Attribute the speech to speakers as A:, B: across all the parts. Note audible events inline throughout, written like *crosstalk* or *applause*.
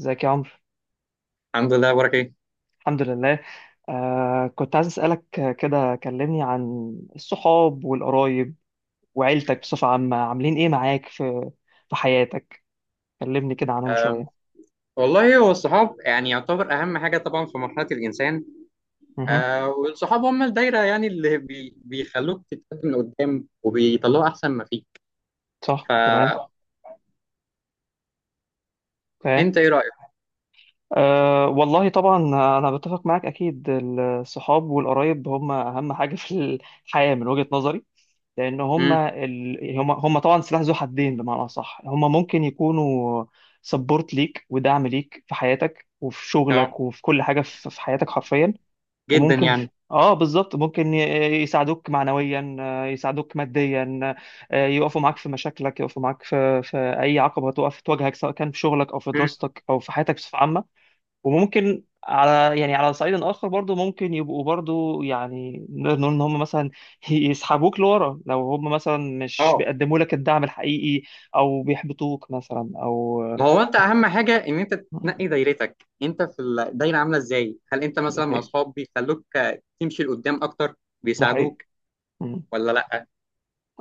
A: ازيك يا عمرو؟
B: الحمد لله، بارك ايه.
A: الحمد لله. كنت عايز اسالك، كده كلمني عن الصحاب والقرايب وعيلتك بصفه عامه عاملين ايه معاك في حياتك. كلمني كده عنهم
B: أه
A: شويه.
B: والله هو الصحاب يعني يعتبر اهم حاجه طبعا في مرحله الانسان.
A: مه.
B: والصحاب هم الدايره يعني اللي بيخلوك تتقدم لقدام وبيطلعوا احسن ما فيك.
A: صح، تمام.
B: فانت
A: اوكي.
B: ايه رايك؟
A: آه، والله طبعا. انا بتفق معاك، اكيد الصحاب والقرايب هم اهم حاجه في الحياه من وجهه نظري. لان
B: امم.
A: هم طبعا سلاح ذو حدين، بمعنى اصح هم ممكن يكونوا سبورت ليك ودعم ليك في حياتك وفي
B: اه،
A: شغلك وفي كل حاجه في حياتك حرفيا.
B: جدا
A: وممكن
B: يعني.
A: اه، بالظبط، ممكن يساعدوك معنويا، يساعدوك ماديا، يقفوا معاك في مشاكلك، يقفوا معاك في اي عقبه تواجهك، سواء كان في شغلك او في
B: امم.
A: دراستك او في حياتك بصفه عامه. وممكن يعني على صعيد اخر، برضو ممكن يبقوا برضو، يعني نقدر نقول ان هم مثلا *laughs* يسحبوك لورا لو هم مثلا مش
B: اه،
A: بيقدموا لك الدعم الحقيقي، او بيحبطوك مثلا، او...
B: ما هو انت اهم حاجه ان انت تنقي دايرتك. انت في الدايره عامله ازاي؟ هل انت
A: ده
B: مثلا مع
A: حقيقي،
B: اصحاب بيخلوك تمشي لقدام اكتر؟
A: ده حقيقي.
B: بيساعدوك
A: مم.
B: ولا لا؟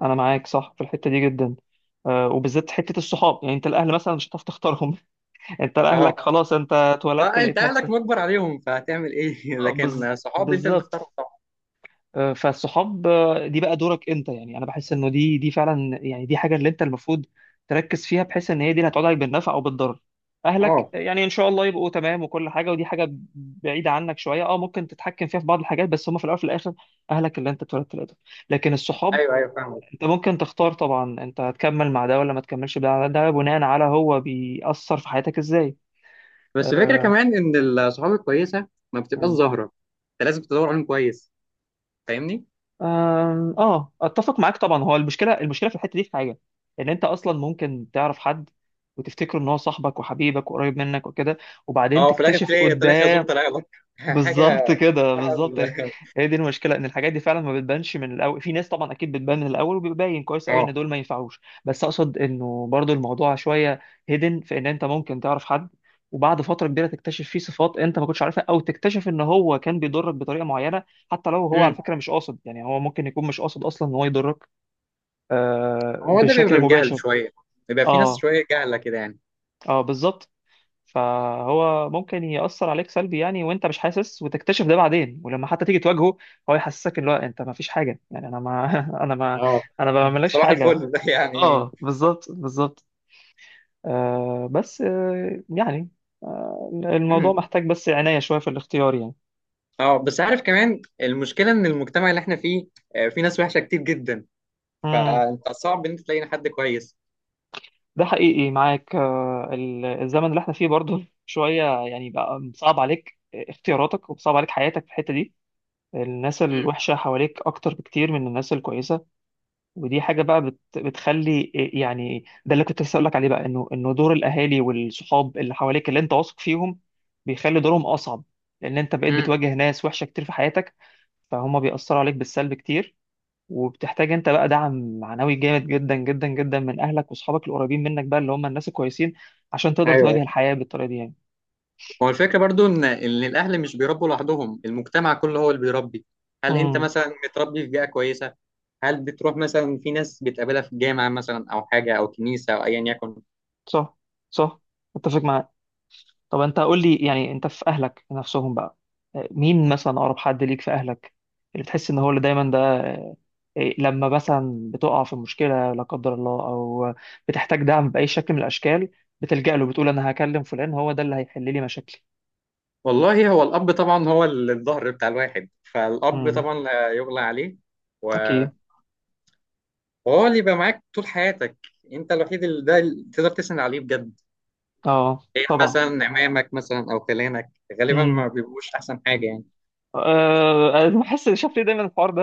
A: انا معاك، صح، في الحته دي جدا. وبالذات حته الصحاب، يعني انت الاهل مثلا مش هتعرف تختارهم. *laughs* انت
B: اه،
A: لاهلك خلاص، انت اتولدت
B: فانت
A: لقيت
B: اهلك
A: نفسك.
B: مجبر عليهم فهتعمل ايه *laughs*
A: آه، بز...
B: لكن صحاب انت
A: بالظبط.
B: بتختارهم طبعا.
A: فالصحاب، دي بقى دورك انت، يعني انا بحس انه دي فعلا، يعني دي حاجه اللي انت المفروض تركز فيها، بحيث ان هي دي اللي هتقعد عليك بالنفع او بالضرر. اهلك
B: اه،
A: يعني ان شاء الله يبقوا تمام وكل حاجه، ودي حاجه بعيده عنك شويه، ممكن تتحكم فيها في بعض الحاجات، بس هم في الاول وفي الاخر اهلك اللي انت اتولدت لقيتهم. لكن الصحاب،
B: ايوه، ايوه، فاهمك.
A: انت ممكن تختار طبعا، انت هتكمل مع ده ولا ما تكملش مع ده، ده بناء على هو بيأثر في حياتك ازاي.
B: بس الفكره كمان ان الصحاب الكويسه ما بتبقاش
A: آه.
B: ظاهره. انت لازم تدور عليهم كويس. فاهمني؟
A: اه، اتفق معاك طبعا، هو المشكله في الحته دي في حاجه، ان انت اصلا ممكن تعرف حد، وتفتكره ان هو صاحبك وحبيبك وقريب منك وكده، وبعدين
B: اه، في الاخر
A: تكتشف
B: تلاقي
A: قدام.
B: خازوق طلع لك *laughs* حاجه.
A: بالظبط كده،
B: بتاع-
A: بالظبط، هي دي المشكله، ان الحاجات دي فعلا ما بتبانش من الاول. في ناس طبعا اكيد بتبان من الاول وبيبين كويس قوي
B: اه،
A: ان دول ما ينفعوش، بس اقصد انه برضو الموضوع شويه هيدن، في ان انت ممكن تعرف حد، وبعد فتره كبيره تكتشف فيه صفات انت ما كنتش عارفها، او تكتشف ان هو كان بيضرك بطريقه معينه، حتى لو هو على
B: امم،
A: فكره مش قاصد، يعني هو ممكن يكون مش قاصد اصلا ان هو يضرك
B: هو ده بيبقى
A: بشكل
B: من جهل
A: مباشر.
B: شويه. بيبقى في ناس
A: اه،
B: شويه جهله كده يعني.
A: اه، بالظبط. فهو ممكن يأثر عليك سلبي يعني، وانت مش حاسس، وتكتشف ده بعدين، ولما حتى تيجي تواجهه هو يحسسك ان هو انت ما فيش حاجة، يعني انا ما *laughs* انا ما
B: اه،
A: انا ما بعملكش
B: صباح
A: حاجة.
B: الفل *laughs* ده يعني.
A: اه، بالظبط، بالظبط. بس، يعني، الموضوع
B: امم.
A: محتاج بس عناية شوية في الاختيار يعني.
B: اه، بس عارف كمان المشكله ان المجتمع اللي احنا فيه في ناس وحشه كتير جدا.
A: امم
B: فانت صعب ان انت تلاقي حد كويس.
A: ده حقيقي معاك، الزمن اللي احنا فيه برضه شوية، يعني بقى صعب عليك اختياراتك وصعب عليك حياتك في الحتة دي. الناس
B: امم.
A: الوحشة حواليك أكتر بكتير من الناس الكويسة. ودي حاجه بقى بتخلي، يعني ده اللي كنت لسه اقول لك عليه بقى، انه دور الاهالي والصحاب اللي حواليك اللي انت واثق فيهم بيخلي دورهم اصعب، لان انت بقيت
B: امم.
A: بتواجه ناس وحشه كتير في حياتك، فهم بيأثروا عليك بالسلب كتير، وبتحتاج انت بقى دعم معنوي جامد جدا جدا جدا من اهلك واصحابك القريبين منك بقى، اللي هم الناس الكويسين، عشان تقدر
B: ايوه،
A: تواجه الحياه بالطريقه دي يعني.
B: هو الفكرة برضو إن الأهل مش بيربوا لوحدهم، المجتمع كله هو اللي بيربي. هل أنت
A: امم
B: مثلا متربي في بيئة كويسة؟ هل بتروح مثلا في ناس بتقابلها في الجامعة مثلا أو حاجة أو كنيسة أو أيا يكن؟
A: صح، صح، متفق معاك. طب انت قول لي، يعني انت في اهلك نفسهم بقى، مين مثلا اقرب حد ليك في اهلك، اللي بتحس ان هو اللي دايما ده، لما مثلا بتقع في مشكله لا قدر الله، او بتحتاج دعم باي شكل من الاشكال، بتلجأ له، بتقول انا هكلم فلان، هو ده اللي هيحل لي مشاكلي.
B: والله هو الأب طبعا، هو الظهر بتاع الواحد، فالأب
A: امم
B: طبعا لا يغلى عليه. و-
A: اكيد.
B: وهو اللي يبقى معاك طول حياتك. أنت الوحيد اللي ده اللي تقدر تسند عليه بجد.
A: اه،
B: غير
A: طبعا.
B: مثلا عمامك مثلا أو خلانك، غالبا
A: امم
B: ما بيبقوش أحسن حاجة يعني.
A: أنا بحس، شايف ليه دايما الحوار ده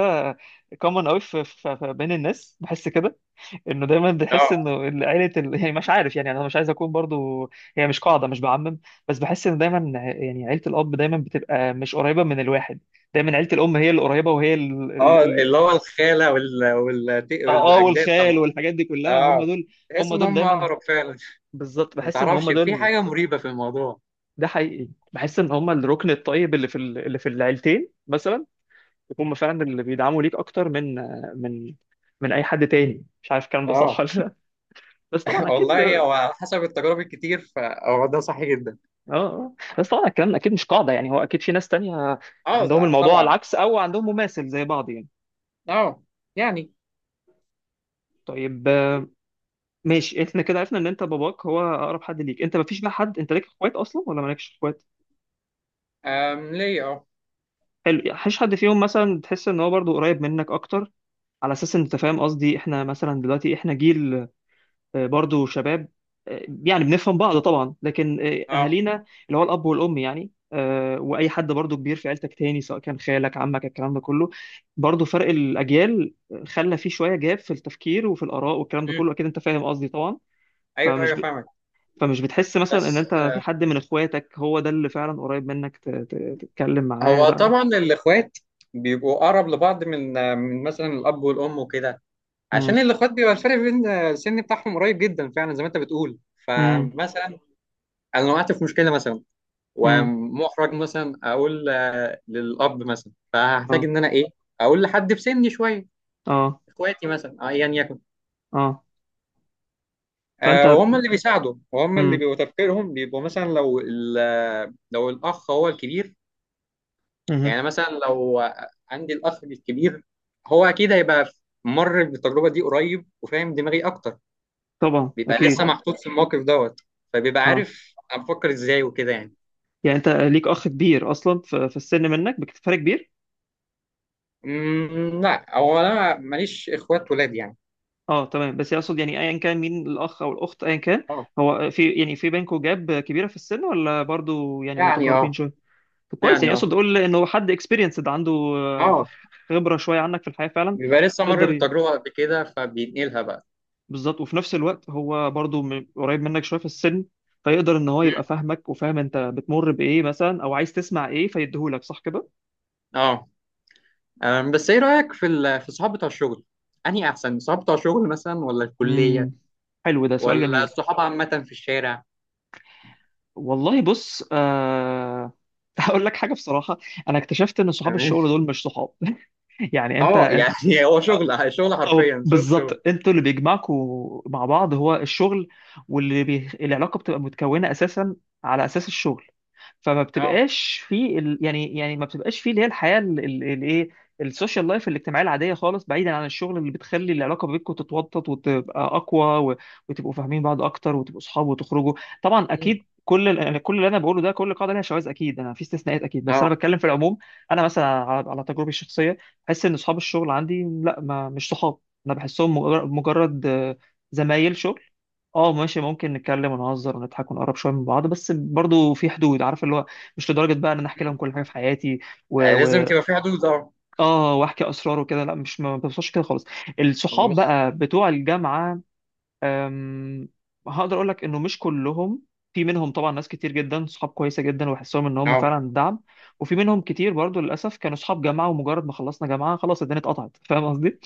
A: كومن قوي بين الناس، بحس كده، انه دايما بتحس
B: اه،
A: انه عيله يعني مش عارف، يعني انا مش عايز اكون برضو، هي مش قاعده، مش بعمم، بس بحس ان دايما يعني عيله الاب دايما بتبقى مش قريبه من الواحد، دايما عيله الام هي اللي قريبه. وهي ال...
B: اه،
A: ال... ال...
B: اللي هو الخالة
A: اه،
B: والأجداد
A: والخال
B: طبعا.
A: والحاجات دي كلها هم
B: اه،
A: دول،
B: تحس
A: هم
B: ان
A: دول
B: هم
A: دايما.
B: اقرب فعلا.
A: بالظبط،
B: ما
A: بحس ان هم
B: تعرفش في
A: دول.
B: حاجه مريبه في الموضوع.
A: ده حقيقي، بحس ان هم الركن الطيب اللي اللي في العيلتين مثلا، هم فعلا اللي بيدعموا ليك اكتر من من اي حد تاني، مش عارف الكلام ده صح
B: اه
A: ولا لا. بس طبعا
B: *laughs*
A: اكيد.
B: والله هو على حسب التجارب الكتير فهو ده صح جدا.
A: اه، آه. بس طبعا الكلام اكيد مش قاعده، يعني هو اكيد في ناس تانية
B: اه،
A: عندهم الموضوع على
B: طبعا.
A: العكس، او عندهم مماثل زي بعض يعني.
B: اه يعني.
A: طيب، ماشي احنا كده عرفنا ان انت باباك هو اقرب حد ليك، انت مفيش بقى حد، انت ليك اخوات اصلا ولا مالكش اخوات؟
B: ليه، اه.
A: حلو، يعني مفيش حد فيهم مثلا تحس ان هو برضو قريب منك اكتر؟ على اساس ان انت فاهم قصدي، احنا مثلا دلوقتي احنا جيل، برضو شباب، يعني بنفهم بعض طبعا، لكن
B: اه.
A: اهالينا اللي هو الاب والام، يعني واي حد برضو كبير في عيلتك تاني، سواء كان خالك عمك الكلام ده كله، برضو فرق الاجيال خلى فيه شويه جاب في التفكير وفي الاراء، والكلام ده
B: مم.
A: كله اكيد انت فاهم قصدي طبعا.
B: ايوه،
A: فمش
B: ايوه،
A: ب...
B: فاهمك.
A: فمش بتحس مثلا ان
B: بس
A: انت في حد من اخواتك هو ده اللي فعلا قريب منك، تتكلم معاه
B: هو
A: بقى؟
B: طبعا الاخوات بيبقوا اقرب لبعض من من مثلا الاب والام وكده.
A: امم.
B: عشان الاخوات بيبقى الفرق بين السن بتاعهم قريب جدا فعلا زي ما انت بتقول.
A: امم.
B: فمثلا انا وقعت في مشكله مثلا،
A: امم.
B: ومحرج مثلا اقول للاب مثلا، فهحتاج
A: اه.
B: ان انا ايه، اقول لحد في سني شويه،
A: اه.
B: اخواتي مثلا ايا يكن.
A: اه. فانت
B: وهم اللي بيساعدوا، وهم اللي
A: امم.
B: بيبقوا تفكيرهم بيبقوا مثلا لو لو الاخ هو الكبير.
A: مهم.
B: يعني مثلا لو عندي الاخ الكبير، هو اكيد هيبقى مر بالتجربه دي قريب وفاهم دماغي اكتر.
A: طبعا،
B: بيبقى لسه
A: اكيد.
B: محطوط في الموقف دوت، فبيبقى
A: اه،
B: عارف انا بفكر ازاي وكده يعني.
A: يعني انت ليك اخ كبير اصلا، في السن منك بفرق كبير؟
B: لا، هو انا ماليش اخوات ولاد يعني.
A: اه، تمام، بس يقصد يعني ايا كان مين الاخ او الاخت، ايا كان،
B: اه
A: هو في، يعني، في بينكم جاب كبيره في السن، ولا برضو يعني
B: يعني. اه
A: متقاربين شويه؟ طب كويس،
B: يعني.
A: يعني اقصد
B: اه.
A: اقول انه هو حد اكسبيرينسد عنده،
B: اه.
A: خبره شويه عنك في الحياه فعلا.
B: بيبقى لسه مر
A: يقدر ي-
B: بالتجربة قبل كده فبينقلها بقى.
A: بالظبط، وفي نفس الوقت هو برضو قريب منك شويه في السن، فيقدر ان هو يبقى فاهمك وفاهم انت بتمر بايه مثلا، او عايز تسمع ايه فيديهولك، صح كده؟
B: اه، بس ايه رأيك في في الصحاب بتوع الشغل؟ أنهي أحسن؟ الصحاب بتوع الشغل مثلا ولا الكلية،
A: امم حلو، ده سؤال
B: ولا
A: جميل.
B: الصحاب عامة في الشارع؟
A: والله، بص، *laughs* هقول لك حاجه بصراحه. انا اكتشفت ان صحاب
B: تمام.
A: الشغل دول مش صحاب. *laughs* يعني انت
B: اه،
A: انت
B: يعني *laughs* هو شغل شغل
A: أو
B: حرفيا، شغل شغل.
A: بالظبط، انتوا اللي بيجمعكوا مع بعض هو الشغل، العلاقه بتبقى متكونه اساسا على اساس الشغل، فما
B: اه.
A: بتبقاش يعني ما بتبقاش في اللي هي الحياه الايه، السوشيال لايف، الاجتماعيه العاديه خالص، بعيدا عن الشغل اللي بتخلي العلاقه بينكم تتوطد وتبقى اقوى و... وتبقوا فاهمين بعض اكتر وتبقوا اصحاب وتخرجوا. طبعا
B: مم.
A: اكيد، يعني كل اللي انا بقوله ده، كل قاعده ليها شواذ اكيد، انا في استثناءات اكيد، بس انا
B: اه.
A: بتكلم في العموم. انا مثلا على تجربتي الشخصيه، بحس ان اصحاب الشغل عندي، لا، ما، مش صحاب. انا بحسهم مجرد زمايل شغل. اه ماشي، ممكن نتكلم ونهزر ونضحك ونقرب شويه من بعض، بس برضو في حدود، عارف اللي هو، مش لدرجه بقى ان انا احكي لهم
B: مم.
A: كل حاجه في حياتي و...
B: لازم
A: و...
B: تبقى في حدود، اه.
A: اه، واحكي اسرار وكده، لا، مش، ما بوصلش كده خالص. الصحاب
B: بص.
A: بقى بتوع الجامعه، أم... هقدر اقول لك انه مش كلهم، في منهم طبعا ناس كتير جدا صحاب كويسه جدا وبحسهم ان هم
B: اه.
A: فعلا دعم، وفي منهم كتير برضو للاسف كانوا صحاب جامعه، ومجرد ما خلصنا جامعه خلاص الدنيا اتقطعت، فاهم قصدي.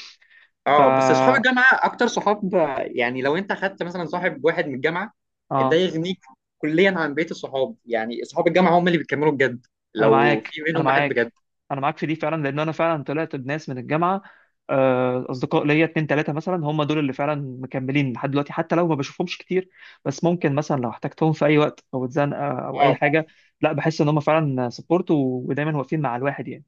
B: اه. بس اصحاب
A: فا
B: الجامعه اكتر صحاب يعني لو انت خدت مثلا صاحب واحد من الجامعه، ده
A: اه،
B: يغنيك كليا عن بقيه الصحاب. يعني اصحاب الجامعه هم اللي بيكملوا بجد،
A: انا
B: لو
A: معاك،
B: في
A: انا
B: منهم واحد بجد.
A: معاك، انا معاك في دي فعلا، لان انا فعلا طلعت بناس من الجامعه، اصدقاء ليا اتنين تلاته مثلا، هم دول اللي فعلا مكملين لحد دلوقتي، حتى لو ما بشوفهمش كتير، بس ممكن مثلا لو احتجتهم في اي وقت او اتزنقه او اي
B: اه.
A: حاجه، لا، بحس ان هم فعلا سبورت ودايما واقفين مع الواحد يعني.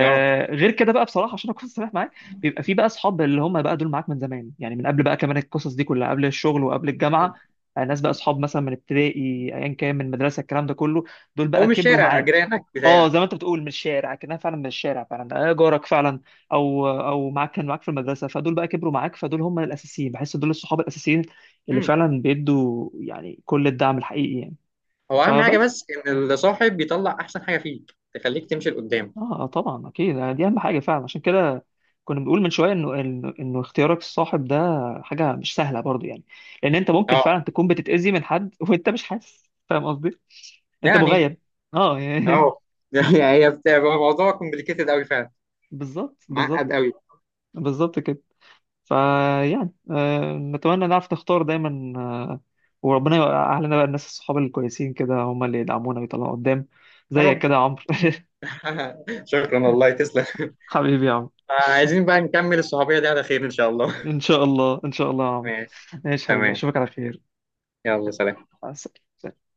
B: اه.
A: غير كده بقى بصراحه، عشان اكون صريح معاك، بيبقى في بقى اصحاب اللي هم بقى دول معاك من زمان، يعني من قبل بقى كمان، القصص دي كلها قبل الشغل وقبل
B: مم.
A: الجامعه. ناس بقى اصحاب مثلا من ابتدائي، ايا كان، من مدرسه، الكلام ده كله، دول
B: هو
A: بقى
B: مش
A: كبروا
B: شارع
A: معاك.
B: جيرانك
A: اه،
B: بتاع.
A: زي ما انت بتقول من الشارع، كانها فعلا من الشارع فعلا، جارك فعلا، او كان معاك في المدرسه، فدول بقى كبروا معاك، فدول هم الاساسيين، بحس دول الصحاب الاساسيين اللي
B: مم.
A: فعلا بيدوا يعني كل الدعم الحقيقي يعني.
B: هو اهم حاجه
A: فبس.
B: بس ان الصاحب بيطلع احسن حاجه فيك تخليك تمشي لقدام.
A: اه، طبعا اكيد، يعني دي اهم حاجه فعلا، عشان كده كنا بنقول من شويه انه انه إنه اختيارك الصاحب ده حاجه مش سهله برضو يعني. لان انت ممكن
B: اه
A: فعلا تكون بتتاذي من حد، *laughs* وانت مش حاسس، فاهم قصدي؟ انت
B: يعني.
A: مغيب. اه يعني،
B: اه *laughs* يعني هي بتبقى موضوع كومبليكيتد قوي فعلا.
A: *laughs* بالظبط، بالظبط.
B: معقد قوي.
A: بالظبط كده. فيعني نتمنى نعرف نختار دايما، وربنا يوقع لنا بقى الناس الصحاب الكويسين كده، هم اللي يدعمونا ويطلعونا قدام،
B: يا
A: زيك
B: رب
A: كده يا عمرو. *laughs*
B: *laughs* شكرا، والله تسلم
A: حبيبي يا عمرو.
B: *laughs* عايزين بقى نكمل الصحوبيه دي على خير ان شاء الله.
A: ان شاء الله، ان شاء الله يا عمرو.
B: ماشي.
A: ماشي حبيبي،
B: تمام.
A: اشوفك على خير.
B: يلا،
A: يلا.
B: سلام.
A: مع السلامة.